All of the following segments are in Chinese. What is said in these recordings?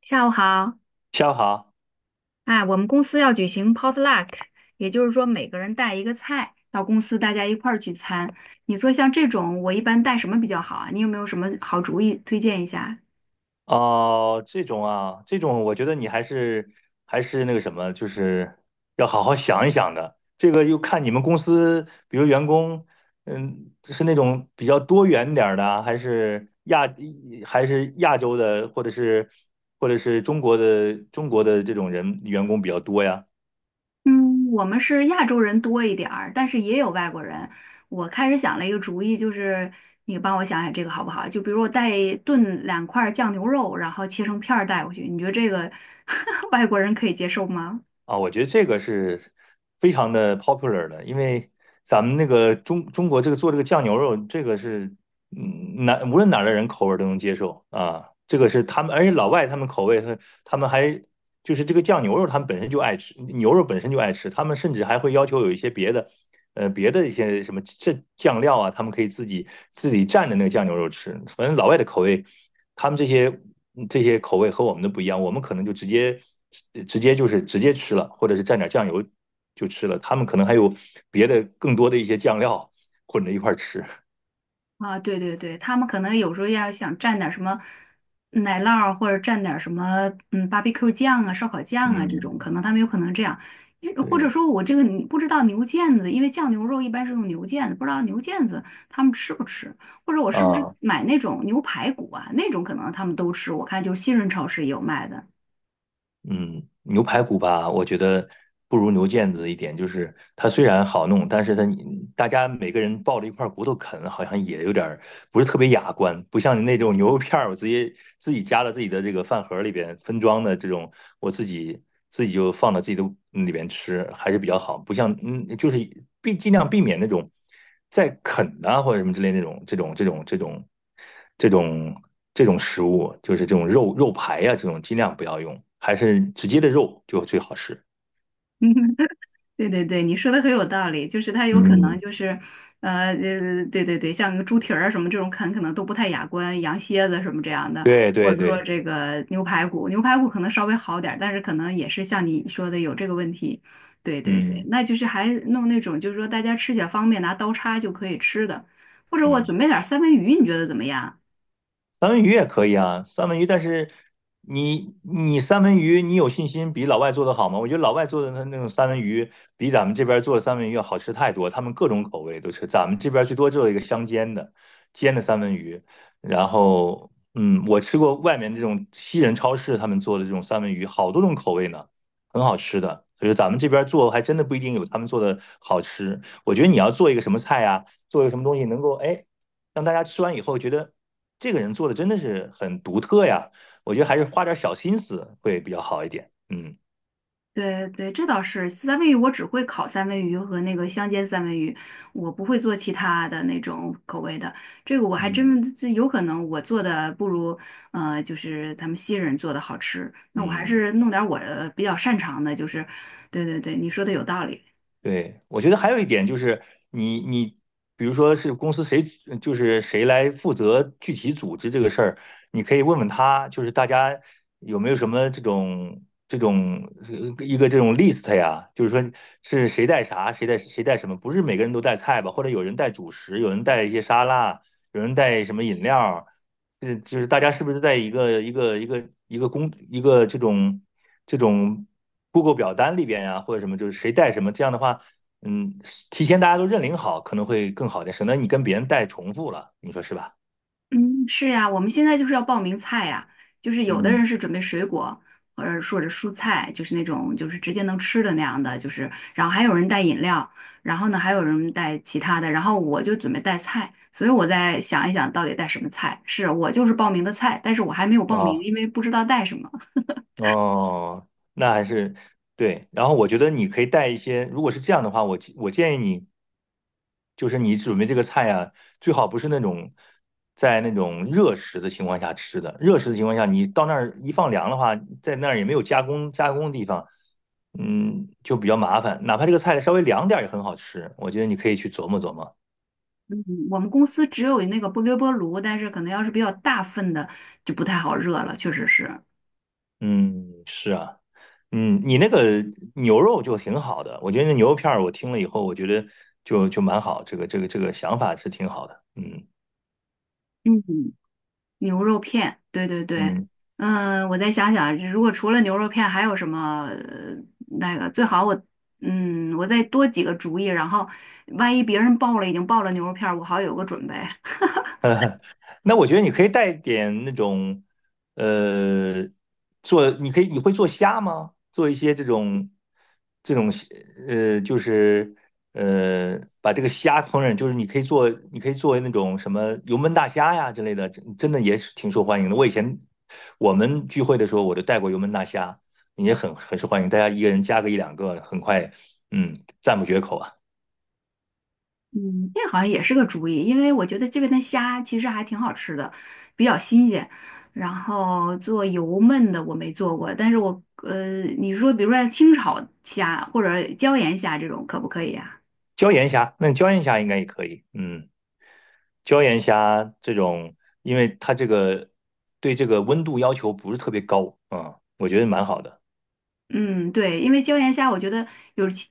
下午好，下午好。哎，我们公司要举行 potluck，也就是说每个人带一个菜到公司，大家一块儿聚餐。你说像这种，我一般带什么比较好啊？你有没有什么好主意推荐一下？哦，这种啊，这种我觉得你还是还是那个什么，就是要好好想一想的。这个又看你们公司，比如员工，嗯，是那种比较多元点儿的啊还是亚洲的，或者是中国的这种人员工比较多呀？嗯，我们是亚洲人多一点儿，但是也有外国人。我开始想了一个主意，就是你帮我想想这个好不好？就比如我带炖两块儿酱牛肉，然后切成片儿带过去，你觉得这个 外国人可以接受吗？啊，我觉得这个是非常的 popular 的，因为咱们那个中国这个做这个酱牛肉，这个是无论哪儿的人口味儿都能接受啊，这个是他们，而且老外他们口味他们还就是这个酱牛肉，他们本身就爱吃，牛肉本身就爱吃，他们甚至还会要求有一些别的。别的一些什么这酱料啊，他们可以自己蘸着那个酱牛肉吃。反正老外的口味，他们这些这些口味和我们的不一样，我们可能就直接直接吃了，或者是蘸点酱油就吃了。他们可能还有别的更多的一些酱料混着一块儿吃。啊，对对对，他们可能有时候要想蘸点儿什么奶酪儿或者蘸点儿什么barbecue 酱啊、烧烤酱啊这种，可嗯，能他们有可能这样。或者对说我这个你不知道牛腱子，因为酱牛肉一般是用牛腱子，不知道牛腱子他们吃不吃，或者我是不是啊，买那种牛排骨啊，那种可能他们都吃，我看就是新润超市也有卖的。嗯，牛排骨吧，我觉得不如牛腱子一点，就是它虽然好弄，但是它大家每个人抱着一块骨头啃，好像也有点儿不是特别雅观，不像你那种牛肉片儿，我直接自己夹到自己的这个饭盒里边分装的这种，我自己自己就放到自己的里边吃，还是比较好，不像尽量避免那种在啃呐或者什么之类那种这种。这种这种食物，就是这种肉排呀、这种尽量不要用，还是直接的肉就最好吃。对对对，你说的很有道理，就是它有可能嗯，就是，对对对，像个猪蹄儿啊什么这种啃，可能都不太雅观，羊蝎子什么这样的，对或对者说对。这个牛排骨，牛排骨可能稍微好点儿，但是可能也是像你说的有这个问题。对对对，嗯那就是还弄那种就是说大家吃起来方便，拿刀叉就可以吃的，或者我嗯。准备点儿三文鱼，你觉得怎么样？三文鱼也可以啊，三文鱼，但是三文鱼，你有信心比老外做的好吗？我觉得老外做的那种三文鱼，比咱们这边做的三文鱼要好吃太多，他们各种口味都吃，咱们这边最多做一个香煎的，煎的三文鱼，然后嗯，我吃过外面这种西人超市他们做的这种三文鱼，好多种口味呢，很好吃的。所以说咱们这边做还真的不一定有他们做的好吃。我觉得你要做一个什么菜呀、做一个什么东西能够哎让大家吃完以后觉得这个人做的真的是很独特呀。我觉得还是花点小心思会比较好一点。嗯对对，这倒是三文鱼，我只会烤三文鱼和那个香煎三文鱼，我不会做其他的那种口味的。这个我还嗯真这有可能我做的不如就是他们西人做的好吃。那我还嗯，是弄点儿我比较擅长的，就是对对对，你说的有道理。对，我觉得还有一点就是你你。比如说是公司谁，就是谁来负责具体组织这个事儿，你可以问问他，就是大家有没有什么这种这种一个这种 list 呀？就是说是谁带啥，谁带什么？不是每个人都带菜吧？或者有人带主食，有人带一些沙拉，有人带什么饮料，就是大家是不是在一个这种这种 Google 表单里边呀、或者什么，就是谁带什么，这样的话，嗯，提前大家都认领好，可能会更好一点，省得你跟别人带重复了，你说是吧？嗯，是呀，我们现在就是要报名菜呀，就是有的人嗯，是准备水果，或者说者蔬菜，就是那种就是直接能吃的那样的，就是然后还有人带饮料，然后呢还有人带其他的，然后我就准备带菜，所以我在想一想到底带什么菜。是我就是报名的菜，但是我还没有报名，啊、因为不知道带什么。哦，那还是对。然后我觉得你可以带一些，如果是这样的话，我建议你，就是你准备这个菜啊，最好不是那种在那种热食的情况下吃的。热食的情况下，你到那儿一放凉的话，在那儿也没有加工的地方，嗯，就比较麻烦。哪怕这个菜稍微凉点儿也很好吃，我觉得你可以去琢磨琢磨。嗯我们公司只有那个微波炉，但是可能要是比较大份的就不太好热了，确实是。嗯，是啊。嗯，你那个牛肉就挺好的，我觉得那牛肉片儿我听了以后，我觉得就蛮好，这个想法是挺好的。嗯嗯。牛肉片，对对对，嗯，嗯，我再想想啊，如果除了牛肉片还有什么那个最好我我再多几个主意，然后万一别人已经报了牛肉片儿我好有个准备。那我觉得你可以带点那种，呃，做你可以你会做虾吗？做一些这种呃，就是把这个虾烹饪，你可以做那种什么油焖大虾呀之类的，真真的也是挺受欢迎的。我以前我们聚会的时候，我就带过油焖大虾，也很受欢迎，大家一个人加个一两个，很快，嗯，赞不绝口啊。嗯，这好像也是个主意，因为我觉得这边的虾其实还挺好吃的，比较新鲜。然后做油焖的我没做过，但是我你说比如说像清炒虾或者椒盐虾这种可不可以啊？椒盐虾，那椒盐虾应该也可以，嗯。椒盐虾这种，因为它这个对这个温度要求不是特别高，嗯，我觉得蛮好的。嗯，对，因为椒盐虾，我觉得有其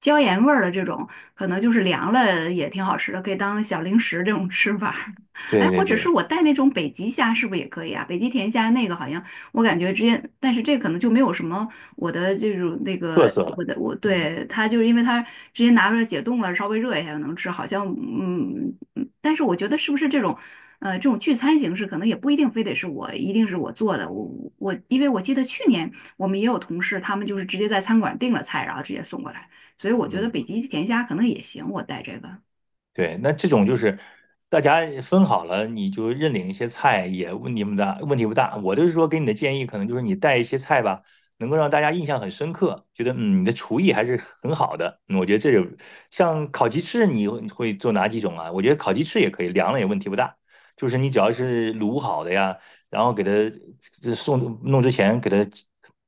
椒盐味儿的这种，可能就是凉了也挺好吃的，可以当小零食这种吃法。哎，对或对者是对，我带那种北极虾，是不是也可以啊？北极甜虾那个好像我感觉直接，但是这可能就没有什么我的这种那特个色了。我的我嗯对它就是因为它直接拿出来解冻了，稍微热一下就能吃，好像嗯，嗯但是我觉得是不是这种这种聚餐形式，可能也不一定非得是我一定是我做的，我因为我记得去年我们也有同事，他们就是直接在餐馆订了菜，然后直接送过来，所以我觉得北嗯。极甜虾可能也行，我带这个。对，那这种就是大家分好了，你就认领一些菜，也问题不大，问题不大。我就是说给你的建议，可能就是你带一些菜吧，能够让大家印象很深刻，觉得嗯你的厨艺还是很好的。嗯我觉得这种像烤鸡翅，你会做哪几种啊？我觉得烤鸡翅也可以，凉了也问题不大。就是你只要是卤好的呀，然后给它这送弄之前给它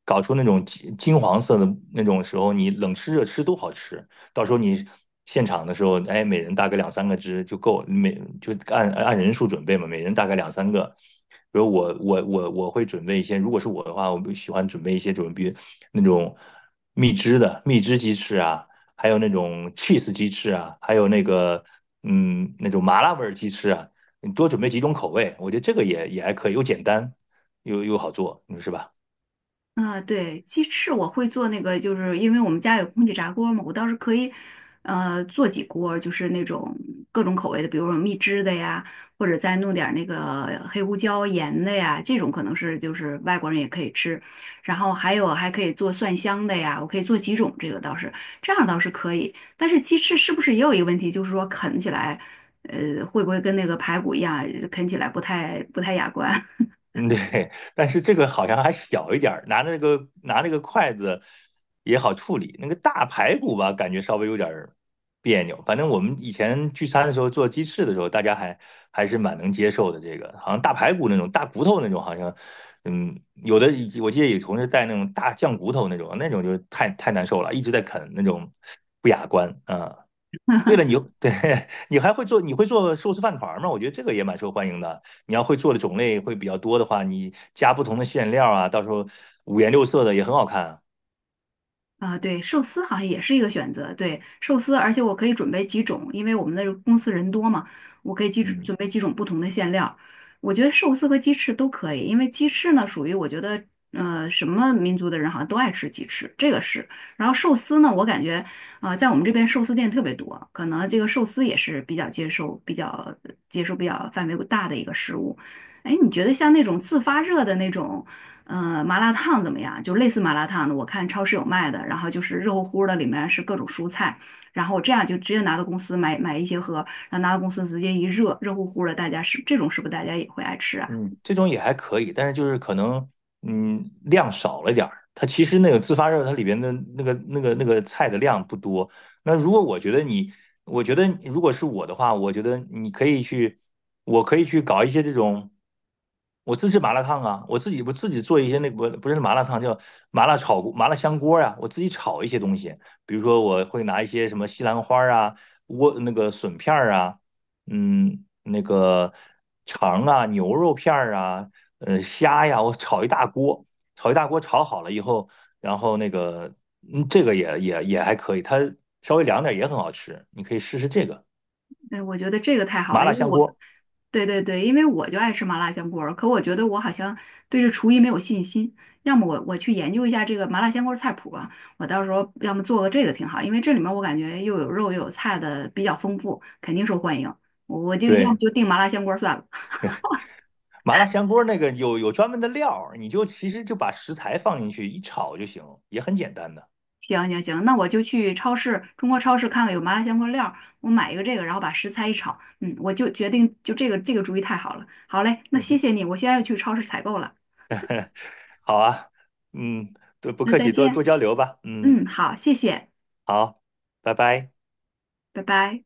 搞出那种金黄色的那种时候，你冷吃热吃都好吃。到时候你现场的时候，哎，每人大概两三个支就够，就按人数准备嘛，每人大概两三个。比如我会准备一些，如果是我的话，我喜欢准备那种蜜汁鸡翅啊，还有那种 cheese 鸡翅啊，还有那个嗯那种麻辣味鸡翅啊，你多准备几种口味，我觉得这个也还可以，又简单又好做，你说是吧？啊，对，鸡翅我会做那个，就是因为我们家有空气炸锅嘛，我倒是可以，做几锅，就是那种各种口味的，比如说蜜汁的呀，或者再弄点儿那个黑胡椒盐的呀，这种可能是就是外国人也可以吃。然后还有还可以做蒜香的呀，我可以做几种，这个倒是这样倒是可以。但是鸡翅是不是也有一个问题，就是说啃起来，会不会跟那个排骨一样，啃起来不太雅观？嗯，对，但是这个好像还小一点儿，拿那个筷子也好处理。那个大排骨吧，感觉稍微有点儿别扭。反正我们以前聚餐的时候做鸡翅的时候，大家还是蛮能接受的。这个好像大排骨那种大骨头那种，好像嗯，有的以及我记得有同事带那种大酱骨头那种，那种就太难受了，一直在啃那种不雅观啊。对了，你对 你会做寿司饭团吗？我觉得这个也蛮受欢迎的。你要会做的种类会比较多的话，你加不同的馅料啊，到时候五颜六色的也很好看啊。啊，对，寿司好像也是一个选择。对，寿司，而且我可以准备几种，因为我们的公司人多嘛，我可以嗯。准备几种不同的馅料。我觉得寿司和鸡翅都可以，因为鸡翅呢属于我觉得，什么民族的人好像都爱吃鸡翅，这个是。然后寿司呢，我感觉，啊，在我们这边寿司店特别多，可能这个寿司也是比较接受、比较范围大的一个食物。哎，你觉得像那种自发热的那种？嗯，麻辣烫怎么样？就类似麻辣烫的，我看超市有卖的，然后就是热乎乎的，里面是各种蔬菜，然后我这样就直接拿到公司买一些盒，然后拿到公司直接一热，热乎乎的，大家是这种是不是大家也会爱吃啊？嗯，这种也还可以，但是就是可能，嗯，量少了点儿。它其实那个自发热，它里边的那个菜的量不多。那如果我觉得你，我觉得如果是我的话，我可以去搞一些这种，我自制麻辣烫啊，我自己做一些不不是麻辣烫，叫麻辣香锅啊，我自己炒一些东西，比如说我会拿一些什么西兰花啊、莴那个笋片儿啊。嗯，那个肠啊、牛肉片儿啊、呃虾呀，我炒一大锅，炒好了以后，然后那个这个也还可以，它稍微凉点也很好吃，你可以试试这个对，我觉得这个太好麻了，辣因为香我，锅。对对对，因为我就爱吃麻辣香锅儿，可我觉得我好像对这厨艺没有信心。要么我去研究一下这个麻辣香锅儿菜谱吧，我到时候要么做个这个挺好，因为这里面我感觉又有肉又有菜的，比较丰富，肯定受欢迎。我就要么对，就订麻辣香锅儿算了。麻辣香锅那个有专门的料儿你就其实就把食材放进去一炒就行，也很简单的。行行行，那我就去超市，中国超市看看有麻辣香锅料儿，我买一个这个，然后把食材一炒，嗯，我就决定就这个主意太好了。好嘞，那嗯谢哼。谢你，我现在要去超市采购了，好啊，嗯，对，不那客再气，多多见。交流吧。嗯，嗯，好，谢谢，好，拜拜。拜拜。